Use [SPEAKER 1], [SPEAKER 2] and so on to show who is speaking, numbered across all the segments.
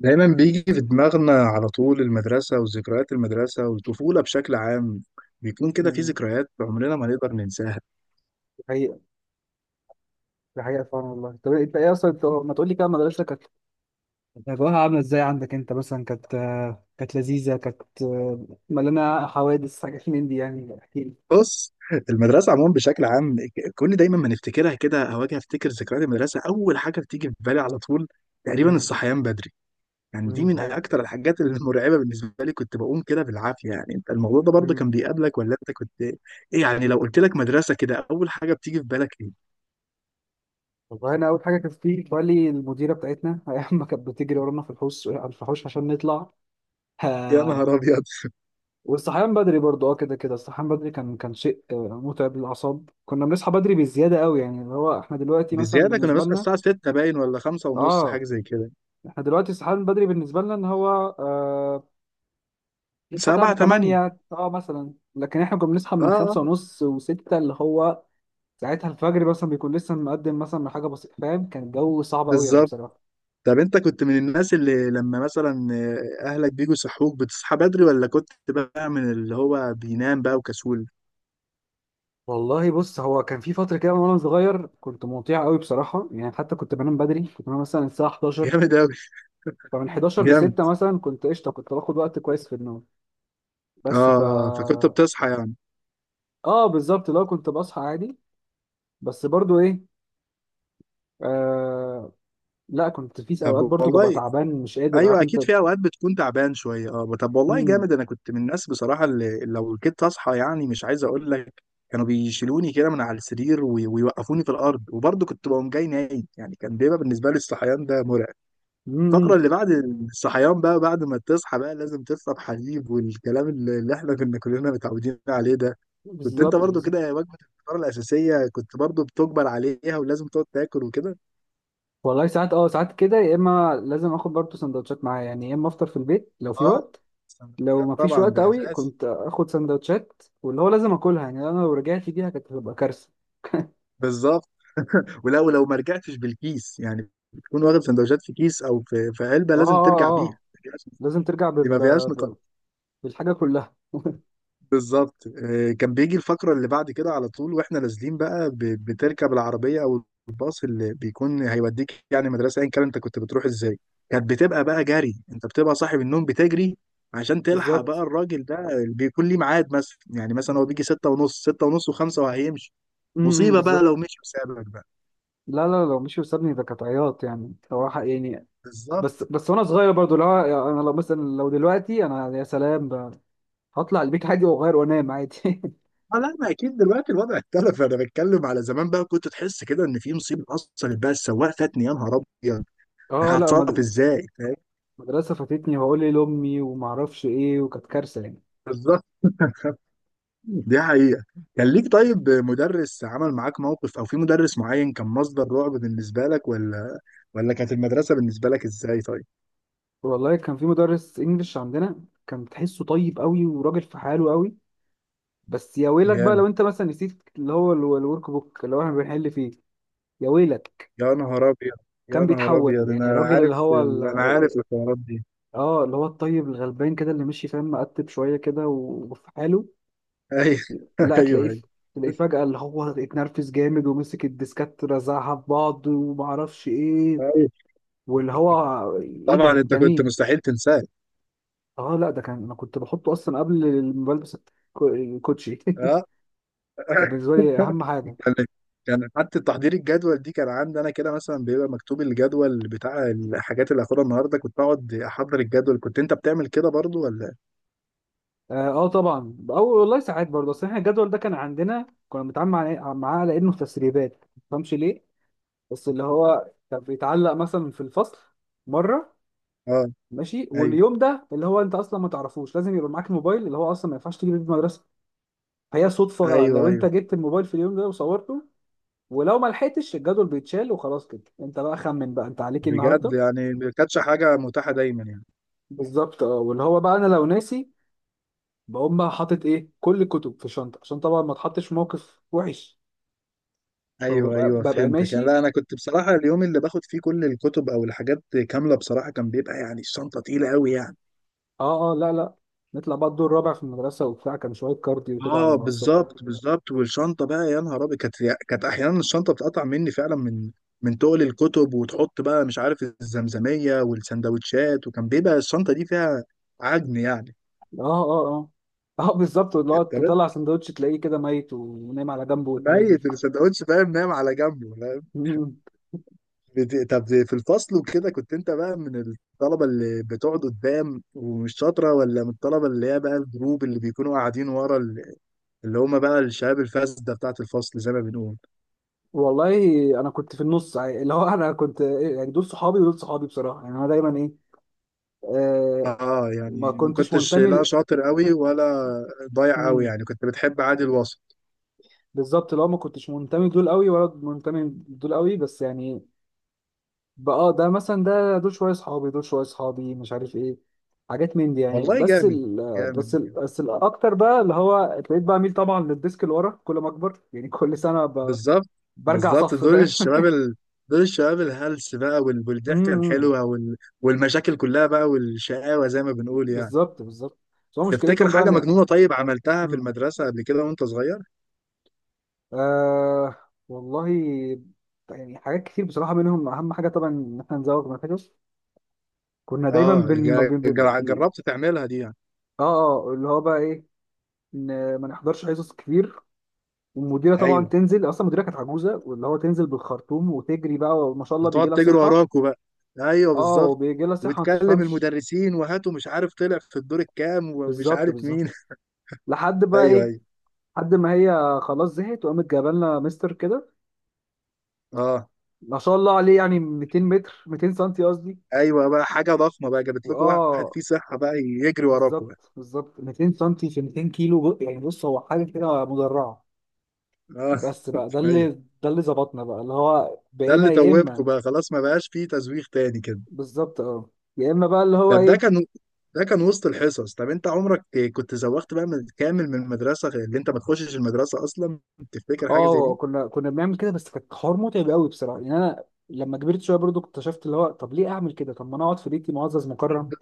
[SPEAKER 1] دايما بيجي في دماغنا على طول المدرسة وذكريات المدرسة والطفولة بشكل عام. بيكون كده في
[SPEAKER 2] مم.
[SPEAKER 1] ذكريات عمرنا ما نقدر ننساها.
[SPEAKER 2] دي حقيقة. دي حقيقة فعلا. والله، طب إيه، انت ايه اصلا؟ انت ما تقول لي كده، مدرستك كانت أجواءها عاملة ازاي عندك انت مثلا؟ كانت كانت لذيذة؟ كانت مليانة حوادث، حاجات من دي، يعني احكي لي.
[SPEAKER 1] بص، المدرسة عموما بشكل عام، ك- كل دايما ما نفتكرها كده أو أجي أفتكر ذكريات المدرسة، أول حاجة بتيجي في بالي على طول تقريبا
[SPEAKER 2] مم.
[SPEAKER 1] الصحيان بدري. يعني دي
[SPEAKER 2] مم. دي
[SPEAKER 1] من
[SPEAKER 2] حقيقة.
[SPEAKER 1] أكتر الحاجات المرعبة بالنسبة لي، كنت بقوم كده بالعافية. يعني أنت الموضوع ده برضه
[SPEAKER 2] مم.
[SPEAKER 1] كان بيقابلك ولا أنت كنت إيه؟ يعني لو قلت لك مدرسة كده أول حاجة بتيجي في بالك إيه؟
[SPEAKER 2] والله انا اول حاجة كانت في بالي المديرة بتاعتنا ايام ما كانت بتجري ورانا في الحوش على الفحوش عشان نطلع.
[SPEAKER 1] يا
[SPEAKER 2] آه،
[SPEAKER 1] نهار أبيض.
[SPEAKER 2] والصحيان بدري برضه، كده كده الصحيان بدري كان شيء متعب للأعصاب. كنا بنصحى بدري بزيادة قوي، يعني اللي هو احنا دلوقتي مثلا
[SPEAKER 1] بزيادة، كنا
[SPEAKER 2] بالنسبة
[SPEAKER 1] بنصحى
[SPEAKER 2] لنا،
[SPEAKER 1] الساعة ستة باين ولا خمسة ونص حاجة
[SPEAKER 2] اه،
[SPEAKER 1] زي كده.
[SPEAKER 2] احنا دلوقتي الصحيان بدري بالنسبه لنا ان هو آه نصحى
[SPEAKER 1] سبعة
[SPEAKER 2] تعب
[SPEAKER 1] تمانية.
[SPEAKER 2] 8 مثلا، لكن احنا كنا بنصحى
[SPEAKER 1] اه،
[SPEAKER 2] من 5 ونص و6، اللي هو ساعتها الفجر مثلا بيكون لسه مقدم مثلا من حاجه بسيطه، فاهم؟ كان الجو صعب قوي يعني
[SPEAKER 1] بالظبط.
[SPEAKER 2] بصراحه.
[SPEAKER 1] طب انت كنت من الناس اللي لما مثلا اهلك بيجوا يصحوك بتصحى بدري ولا كنت بقى من اللي هو بينام بقى وكسول؟
[SPEAKER 2] والله بص، هو كان في فتره كده وانا صغير كنت مطيع قوي بصراحه، يعني حتى كنت بنام بدري، كنت بنام مثلا الساعه 11،
[SPEAKER 1] جامد اوي.
[SPEAKER 2] فمن 11 ل
[SPEAKER 1] جامد.
[SPEAKER 2] 6 مثلا كنت قشطه، كنت باخد وقت كويس في النوم. بس
[SPEAKER 1] اه.
[SPEAKER 2] ف
[SPEAKER 1] اه فكنت بتصحى يعني.
[SPEAKER 2] اه بالظبط، لو كنت بصحى عادي. بس برضو ايه آه، لا، كنت في اوقات
[SPEAKER 1] طب
[SPEAKER 2] برضو ببقى
[SPEAKER 1] والله.
[SPEAKER 2] تعبان، مش قادر، عارف
[SPEAKER 1] ايوه،
[SPEAKER 2] انت.
[SPEAKER 1] اكيد في اوقات بتكون تعبان شويه. اه طب والله
[SPEAKER 2] امم.
[SPEAKER 1] جامد، انا كنت من الناس بصراحه اللي لو كنت اصحى يعني مش عايز اقول لك، كانوا بيشيلوني كده من على السرير ويوقفوني في الارض وبرضه كنت بقوم جاي نايم. يعني كان بيبقى بالنسبه لي الصحيان ده مرعب. الفقره
[SPEAKER 2] امم.
[SPEAKER 1] اللي بعد الصحيان بقى، بعد ما تصحى بقى لازم تشرب حليب والكلام اللي احنا كنا كلنا متعودين عليه ده. كنت انت
[SPEAKER 2] بالظبط.
[SPEAKER 1] برضه
[SPEAKER 2] بالظبط.
[SPEAKER 1] كده؟ وجبه الفطار الاساسيه كنت برضه بتجبر عليها ولازم تقعد تاكل وكده.
[SPEAKER 2] والله ساعات، كده، يا اما لازم اخد برضو سندوتشات معايا يعني، يا اما افطر في البيت لو في
[SPEAKER 1] اه،
[SPEAKER 2] وقت. لو
[SPEAKER 1] السندوتشات
[SPEAKER 2] ما فيش
[SPEAKER 1] طبعا
[SPEAKER 2] وقت
[SPEAKER 1] ده
[SPEAKER 2] قوي
[SPEAKER 1] اساسي.
[SPEAKER 2] كنت اخد سندوتشات، واللي هو لازم اكلها يعني، انا لو رجعت بيها كانت هتبقى كارثه.
[SPEAKER 1] بالظبط. ولو لو ما رجعتش بالكيس، يعني بتكون واخد سندوتشات في كيس او في علبه،
[SPEAKER 2] اه،
[SPEAKER 1] لازم ترجع
[SPEAKER 2] اه،
[SPEAKER 1] بيها.
[SPEAKER 2] اه، لازم ترجع
[SPEAKER 1] دي ما فيهاش نقاش.
[SPEAKER 2] ب- بالحاجه كلها.
[SPEAKER 1] بالظبط. كان بيجي الفقره اللي بعد كده على طول واحنا نازلين بقى، بتركب العربيه او الباص اللي بيكون هيوديك يعني مدرسه، ايا كان انت كنت بتروح ازاي. كانت بتبقى بقى جري، انت بتبقى صاحب النوم بتجري عشان تلحق بقى
[SPEAKER 2] بالظبط.
[SPEAKER 1] الراجل ده اللي بيكون ليه ميعاد. مثلا يعني مثلا هو بيجي ستة ونص، ستة ونص وخمسة وهيمشي.
[SPEAKER 2] امم.
[SPEAKER 1] مصيبة بقى لو
[SPEAKER 2] بالظبط.
[SPEAKER 1] مشي وسابك بقى.
[SPEAKER 2] لا، لا، لو مش وسابني، ده كانت عياط يعني، صراحه يعني. بس
[SPEAKER 1] بالظبط.
[SPEAKER 2] بس وانا صغير برضو، لا. انا لو مثلا لو دلوقتي انا، يا سلام، هطلع البيت عادي واغير وانام عادي.
[SPEAKER 1] اه لا، ما اكيد دلوقتي الوضع اختلف، انا بتكلم على زمان بقى. كنت تحس كده ان في مصيبه حصلت بقى، السواق فاتني يا نهار ابيض.
[SPEAKER 2] اه، لا،
[SPEAKER 1] هتصرف ازاي؟ فاهم.
[SPEAKER 2] مدرسه فاتتني، وهقول ايه لامي، وما اعرفش ايه، وكانت كارثه يعني.
[SPEAKER 1] بالظبط. دي حقيقه. كان ليك طيب مدرس عمل معاك موقف او في مدرس معين كان مصدر رعب بالنسبه لك، ولا ولا كانت المدرسه بالنسبه لك ازاي طيب؟
[SPEAKER 2] والله كان في مدرس انجلش عندنا، كان تحسه طيب قوي وراجل في حاله قوي، بس يا ويلك بقى لو
[SPEAKER 1] جامد.
[SPEAKER 2] انت مثلا نسيت اللي هو الورك بوك اللي هو احنا بنحل فيه. يا ويلك.
[SPEAKER 1] يا نهار ابيض. يا
[SPEAKER 2] كان
[SPEAKER 1] نهار
[SPEAKER 2] بيتحول
[SPEAKER 1] ابيض
[SPEAKER 2] يعني
[SPEAKER 1] انا
[SPEAKER 2] الراجل
[SPEAKER 1] عارف انا عارف الحوارات دي.
[SPEAKER 2] اه اللي هو الطيب الغلبان كده، اللي مشي فاهم، مقتب شويه كده، وفي حاله.
[SPEAKER 1] ايوه.
[SPEAKER 2] لا
[SPEAKER 1] ايوه ايوه.
[SPEAKER 2] تلاقيه فجأة اللي هو اتنرفز جامد ومسك الديسكات رزعها في بعض، ومعرفش ايه،
[SPEAKER 1] أيوة.
[SPEAKER 2] واللي هو ايه ده،
[SPEAKER 1] طبعا انت
[SPEAKER 2] انت
[SPEAKER 1] كنت
[SPEAKER 2] مين؟
[SPEAKER 1] مستحيل تنساه.
[SPEAKER 2] اه، لا، ده كان انا كنت بحطه اصلا قبل ما بلبس الكوتشي.
[SPEAKER 1] اه
[SPEAKER 2] كان بالنسبه لي اهم حاجه.
[SPEAKER 1] كان. كان حتى تحضير الجدول دي كان عندي انا كده. مثلا بيبقى مكتوب الجدول بتاع الحاجات اللي هاخدها النهارده، كنت اقعد احضر الجدول. كنت انت بتعمل كده برضو ولا؟
[SPEAKER 2] طبعا. او والله ساعات برضه، اصل احنا الجدول ده كان عندنا كنا بنتعامل إيه؟ معاه على انه تسريبات، ما تفهمش ليه، بس اللي هو كان بيتعلق مثلا في الفصل مره،
[SPEAKER 1] اه.
[SPEAKER 2] ماشي؟
[SPEAKER 1] ايوه
[SPEAKER 2] واليوم ده اللي هو انت اصلا ما تعرفوش، لازم يبقى معاك الموبايل اللي هو اصلا ما ينفعش تجيب المدرسه، فهي صدفه
[SPEAKER 1] ايوه
[SPEAKER 2] لو انت
[SPEAKER 1] ايوه.
[SPEAKER 2] جبت الموبايل في اليوم ده وصورته، ولو ما لحقتش الجدول بيتشال وخلاص. كده انت بقى خمن بقى انت عليك إيه
[SPEAKER 1] بجد
[SPEAKER 2] النهارده.
[SPEAKER 1] يعني ما كانتش حاجه متاحه دايما يعني.
[SPEAKER 2] بالظبط، اه، واللي هو بقى انا لو ناسي، بقوم بقى حاطط ايه كل الكتب في شنطه عشان طبعا ما اتحطش في موقف وحش.
[SPEAKER 1] ايوه
[SPEAKER 2] فببقى
[SPEAKER 1] ايوه
[SPEAKER 2] ببقى
[SPEAKER 1] فهمتك يعني.
[SPEAKER 2] ماشي.
[SPEAKER 1] لا انا كنت بصراحه اليوم اللي باخد فيه كل الكتب او الحاجات كامله بصراحه كان بيبقى يعني الشنطه تقيله قوي يعني.
[SPEAKER 2] اه، اه، لا، لا، نطلع بقى الدور الرابع في المدرسه، وبتاع كان شويه كارديو كده على
[SPEAKER 1] اه
[SPEAKER 2] الصبح.
[SPEAKER 1] بالظبط بالظبط. والشنطه بقى يا نهار ابيض، كانت. كانت احيانا الشنطه بتقطع مني فعلا من من تقل الكتب، وتحط بقى مش عارف الزمزميه والسندوتشات، وكان بيبقى الشنطه دي فيها عجن يعني.
[SPEAKER 2] اه، اه، اه. اه بالظبط، اللي هو
[SPEAKER 1] تمام.
[SPEAKER 2] تطلع سندوتش تلاقيه كده ميت ونايم على جنبه والحاجات دي.
[SPEAKER 1] ميت السندوتش فاهم، نايم على جنبه فاهم.
[SPEAKER 2] مم.
[SPEAKER 1] طب في الفصل وكده كنت انت بقى من الطلبه اللي بتقعد قدام ومش شاطره، ولا من الطلبه اللي هي بقى الجروب اللي بيكونوا قاعدين ورا اللي هم بقى الشباب الفاسده بتاعت الفصل زي ما بنقول؟
[SPEAKER 2] والله انا كنت في النص يعني، اللي هو انا كنت يعني دول صحابي ودول صحابي بصراحه يعني، انا دايما ايه آه،
[SPEAKER 1] اه
[SPEAKER 2] ما
[SPEAKER 1] يعني ما
[SPEAKER 2] كنتش
[SPEAKER 1] كنتش
[SPEAKER 2] منتمي
[SPEAKER 1] لا
[SPEAKER 2] ل...
[SPEAKER 1] شاطر قوي ولا ضايع قوي
[SPEAKER 2] مم.
[SPEAKER 1] يعني، كنت بتحب عادي الوسط.
[SPEAKER 2] بالظبط، لو ما كنتش منتمي دول قوي ولا منتمي دول قوي، بس يعني بقى ده مثلا، دول شويه اصحابي، دول شويه اصحابي، مش عارف ايه، حاجات من دي يعني.
[SPEAKER 1] والله جامد. جامد.
[SPEAKER 2] بس الاكتر بقى اللي هو ابتديت بقى اميل طبعا للديسك اللي ورا كل ما اكبر، يعني كل سنه ب...
[SPEAKER 1] بالظبط.
[SPEAKER 2] برجع
[SPEAKER 1] بالظبط
[SPEAKER 2] صف،
[SPEAKER 1] دول
[SPEAKER 2] فاهم.
[SPEAKER 1] الشباب دول الشباب الهلس بقى والضحكه
[SPEAKER 2] امم،
[SPEAKER 1] الحلوه والمشاكل كلها بقى والشقاوه زي ما بنقول يعني.
[SPEAKER 2] بالظبط، بالظبط. بس هو
[SPEAKER 1] تفتكر
[SPEAKER 2] مشكلتهم بقى
[SPEAKER 1] حاجه
[SPEAKER 2] ان،
[SPEAKER 1] مجنونه طيب عملتها في
[SPEAKER 2] امم،
[SPEAKER 1] المدرسه قبل كده وانت صغير؟
[SPEAKER 2] آه والله يعني حاجات كتير بصراحه، منهم اهم حاجه طبعا ان احنا نزود مناخيرنا، كنا دايما
[SPEAKER 1] اه
[SPEAKER 2] بن بن بن،
[SPEAKER 1] جربت تعملها دي يعني.
[SPEAKER 2] اه، اه، اللي هو بقى ايه، ان ما نحضرش حصص كتير. والمديره طبعا
[SPEAKER 1] ايوه.
[SPEAKER 2] تنزل، اصلا المديره كانت عجوزه، واللي هو تنزل بالخرطوم وتجري بقى، وما شاء الله
[SPEAKER 1] وتقعد
[SPEAKER 2] بيجي لها
[SPEAKER 1] تجري
[SPEAKER 2] صحه.
[SPEAKER 1] وراكوا بقى. ايوه
[SPEAKER 2] اه،
[SPEAKER 1] بالظبط.
[SPEAKER 2] وبيجي لها صحه ما
[SPEAKER 1] وتكلم
[SPEAKER 2] تفهمش.
[SPEAKER 1] المدرسين وهاتوا مش عارف طلع في الدور الكام ومش
[SPEAKER 2] بالظبط.
[SPEAKER 1] عارف
[SPEAKER 2] بالظبط.
[SPEAKER 1] مين.
[SPEAKER 2] لحد بقى
[SPEAKER 1] ايوه
[SPEAKER 2] ايه،
[SPEAKER 1] ايوه.
[SPEAKER 2] لحد ما هي خلاص زهقت وقامت جايبه لنا مستر كده،
[SPEAKER 1] اه.
[SPEAKER 2] ما شاء الله عليه، يعني 200 متر، 200 سنتي قصدي.
[SPEAKER 1] ايوه بقى حاجه ضخمه بقى، جابت لكم واحد
[SPEAKER 2] واه
[SPEAKER 1] فيه صحه بقى يجري وراكوا بقى.
[SPEAKER 2] بالظبط، بالظبط. 200 سنتي في 200 كيلو يعني، بص هو حاجه كده مدرعه.
[SPEAKER 1] اه.
[SPEAKER 2] بس بقى ده اللي،
[SPEAKER 1] ايوه.
[SPEAKER 2] ظبطنا بقى، اللي هو
[SPEAKER 1] ده
[SPEAKER 2] بقينا
[SPEAKER 1] اللي
[SPEAKER 2] يا اما،
[SPEAKER 1] توبته بقى، خلاص ما بقاش فيه تزويق تاني كده.
[SPEAKER 2] بالظبط، اه، يا اما بقى اللي هو
[SPEAKER 1] طب ده
[SPEAKER 2] ايه.
[SPEAKER 1] كان. ده كان وسط الحصص. طب انت عمرك كنت زوغت بقى من كامل من المدرسه، غير اللي انت ما تخشش المدرسه اصلا؟ تفتكر حاجه زي
[SPEAKER 2] اه،
[SPEAKER 1] دي؟
[SPEAKER 2] كنا بنعمل كده، بس كانت حوار متعب قوي بصراحه، يعني انا لما كبرت شويه برضو اكتشفت اللي هو طب ليه اعمل كده؟ طب ما انا اقعد في بيتي معزز مكرم،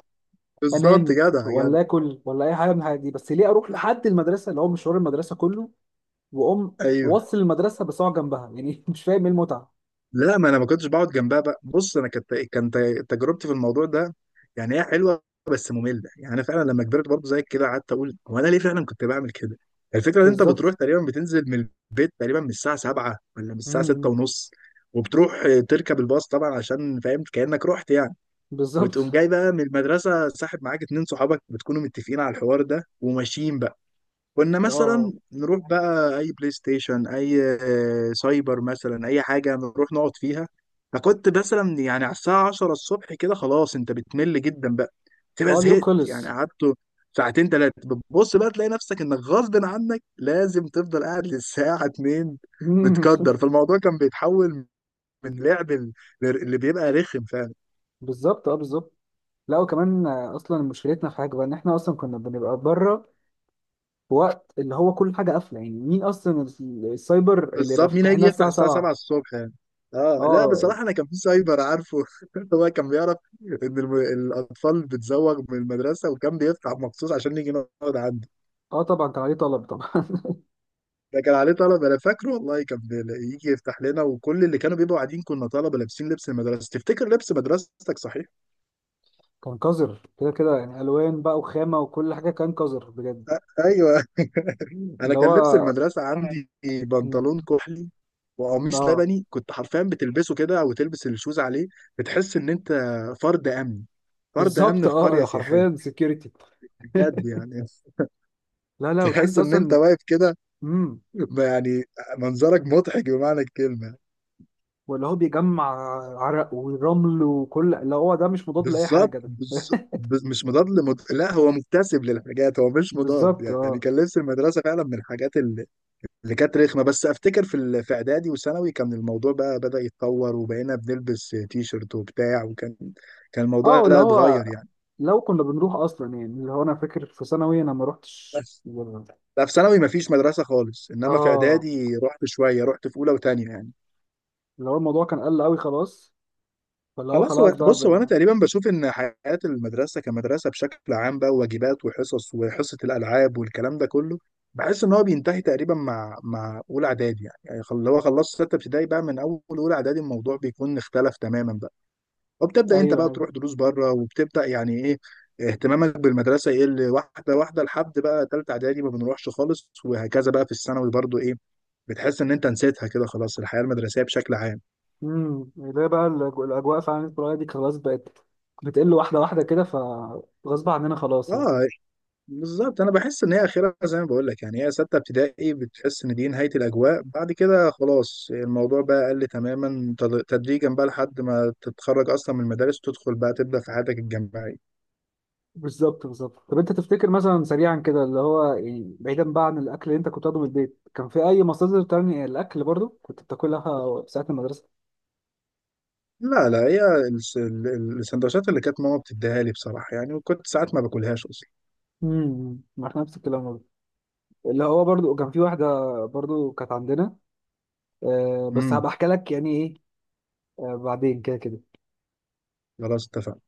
[SPEAKER 1] بالظبط.
[SPEAKER 2] انام
[SPEAKER 1] جدع جدع.
[SPEAKER 2] ولا اكل ولا اي حاجه من الحاجات دي، بس ليه اروح لحد المدرسه؟ اللي هو مشوار المدرسه كله، واقوم
[SPEAKER 1] ايوه.
[SPEAKER 2] وصل المدرسه بساعه جنبها يعني، مش فاهم ايه المتعه.
[SPEAKER 1] لا ما انا ما كنتش بقعد جنبها بقى. بص انا كانت، كانت تجربتي في الموضوع ده يعني هي حلوه بس ممله. يعني انا فعلا لما كبرت برضه زيك كده قعدت اقول هو انا ليه فعلا كنت بعمل كده. الفكره ان انت بتروح
[SPEAKER 2] بالظبط.
[SPEAKER 1] تقريبا بتنزل من البيت تقريبا من الساعه 7 ولا من الساعه 6
[SPEAKER 2] امم.
[SPEAKER 1] ونص، وبتروح تركب الباص طبعا عشان فاهم كانك رحت يعني. وتقوم
[SPEAKER 2] بالظبط.
[SPEAKER 1] جاي بقى من المدرسه ساحب معاك اتنين صحابك بتكونوا متفقين على الحوار ده وماشيين. كنا
[SPEAKER 2] اه،
[SPEAKER 1] مثلا نروح بقى اي بلاي ستيشن، اي سايبر مثلا، اي حاجه نروح نقعد فيها. فكنت مثلا يعني على الساعه 10 الصبح كده، خلاص انت بتمل جدا بقى، تبقى
[SPEAKER 2] اه، اليوم
[SPEAKER 1] زهقت. يعني
[SPEAKER 2] خلص.
[SPEAKER 1] قعدت ساعتين ثلاثه بتبص بقى تلاقي نفسك انك غصب عنك لازم تفضل قاعد للساعه 2، متقدر. فالموضوع كان بيتحول من لعب اللي بيبقى رخم.
[SPEAKER 2] بالظبط، اه، بالظبط. لا، وكمان اصلا مشكلتنا في حاجه بقى ان احنا اصلا كنا بنبقى بره في وقت اللي هو كل حاجه قافله، يعني مين اصلا السايبر اللي يبقى
[SPEAKER 1] بالظبط، مين
[SPEAKER 2] فاتح
[SPEAKER 1] هيجي
[SPEAKER 2] لنا
[SPEAKER 1] يفتح
[SPEAKER 2] الساعه
[SPEAKER 1] الساعة 7
[SPEAKER 2] 7؟
[SPEAKER 1] الصبح يعني. اه لا
[SPEAKER 2] اه،
[SPEAKER 1] بصراحة أنا كان في سايبر عارفه. هو كان بيعرف إن الأطفال بتزوغ من المدرسة، وكان بيفتح مخصوص عشان نيجي نقعد عنده.
[SPEAKER 2] اه طبعا، كان عليه طلب طبعا.
[SPEAKER 1] ده كان عليه طلبة، أنا فاكره والله كان يجي يفتح لنا، وكل اللي كانوا بيبقوا قاعدين كنا طلبة لابسين لبس المدرسة. تفتكر لبس مدرستك صحيح؟
[SPEAKER 2] كان قذر كده كده يعني، الوان بقى وخامه وكل حاجه، كان قذر بجد.
[SPEAKER 1] أيوه. انا
[SPEAKER 2] اللي
[SPEAKER 1] كان لبس
[SPEAKER 2] هو،
[SPEAKER 1] المدرسه عندي
[SPEAKER 2] مم.
[SPEAKER 1] بنطلون كحلي وقميص
[SPEAKER 2] اه،
[SPEAKER 1] لبني، كنت حرفيا بتلبسه كده او تلبس الشوز عليه. بتحس ان انت فرد امن، فرد
[SPEAKER 2] بالظبط،
[SPEAKER 1] امن في قريه
[SPEAKER 2] اه، حرفيا
[SPEAKER 1] سياحيه
[SPEAKER 2] سكيورتي.
[SPEAKER 1] بجد يعني.
[SPEAKER 2] لا، لا، وتحس
[SPEAKER 1] تحس ان انت
[SPEAKER 2] اصلا،
[SPEAKER 1] واقف كده،
[SPEAKER 2] امم،
[SPEAKER 1] يعني منظرك مضحك بمعنى الكلمه.
[SPEAKER 2] ولا هو بيجمع عرق ورمل، وكل اللي هو ده مش مضاد لاي
[SPEAKER 1] بالظبط
[SPEAKER 2] حاجه ده.
[SPEAKER 1] مش مضاد لا هو مكتسب للحاجات هو مش مضاد.
[SPEAKER 2] بالظبط،
[SPEAKER 1] يعني
[SPEAKER 2] اه،
[SPEAKER 1] كان لبس المدرسه فعلا من الحاجات اللي كانت رخمه. بس افتكر في في اعدادي وثانوي كان الموضوع بقى بدأ يتطور، وبقينا بنلبس تي شيرت وبتاع، وكان. كان الموضوع
[SPEAKER 2] اه، اللي
[SPEAKER 1] لا
[SPEAKER 2] هو
[SPEAKER 1] اتغير يعني.
[SPEAKER 2] لو كنا بنروح اصلا، يعني اللي هو انا فاكر في ثانوي انا ما روحتش
[SPEAKER 1] بس لا في ثانوي مفيش مدرسه خالص، انما في
[SPEAKER 2] اه،
[SPEAKER 1] اعدادي رحت شويه، رحت في اولى وثانيه يعني.
[SPEAKER 2] اللي هو الموضوع كان قل قوي خلاص، فاللي هو
[SPEAKER 1] خلاص.
[SPEAKER 2] خلاص
[SPEAKER 1] هو
[SPEAKER 2] بقى،
[SPEAKER 1] بص، هو انا
[SPEAKER 2] بقى.
[SPEAKER 1] تقريبا بشوف ان حياه المدرسه كمدرسه بشكل عام بقى واجبات وحصص وحصه الالعاب والكلام ده كله، بحس ان هو بينتهي تقريبا مع اولى اعدادي يعني. يعني لو خلصت سته ابتدائي بقى من اول اولى اعدادي الموضوع بيكون اختلف تماما بقى،
[SPEAKER 2] ايوه،
[SPEAKER 1] وبتبدا انت بقى
[SPEAKER 2] ايوه،
[SPEAKER 1] تروح دروس بره، وبتبدا يعني ايه اهتمامك بالمدرسه يقل واحده واحده لحد بقى ثالثه اعدادي ما بنروحش خالص، وهكذا بقى في الثانوي برضو ايه، بتحس ان انت نسيتها كده خلاص، الحياه المدرسيه بشكل عام.
[SPEAKER 2] امم، اللي هي بقى الاجواء فعلا القريه دي خلاص بقت بتقل واحده واحده كده، فغصب عننا خلاص يعني.
[SPEAKER 1] اه بالظبط. انا بحس ان هي اخرها زي ما بقول لك يعني، هي سته ابتدائي بتحس ان دي نهايه الاجواء. بعد كده خلاص الموضوع بقى قل تماما تدريجا بقى لحد ما تتخرج اصلا من المدارس، تدخل بقى تبدا في حياتك الجامعيه.
[SPEAKER 2] بالظبط. بالظبط. طب انت تفتكر مثلا سريعا كده اللي هو يعني بعيدا بقى عن الاكل اللي انت كنت بتاخده من البيت، كان في اي مصادر تانية الاكل برضو كنت بتاكلها ساعه المدرسه؟
[SPEAKER 1] لا لا هي السندوتشات اللي كانت ماما بتديها لي بصراحة يعني، وكنت ساعات ما باكلهاش أصلا.
[SPEAKER 2] امم، ما احنا نفس الكلام برضو، اللي هو برضو كان في واحده، برضو كانت عندنا، بس
[SPEAKER 1] امم.
[SPEAKER 2] هبقى احكي لك يعني ايه. بعدين كده كده.
[SPEAKER 1] خلاص اتفقنا.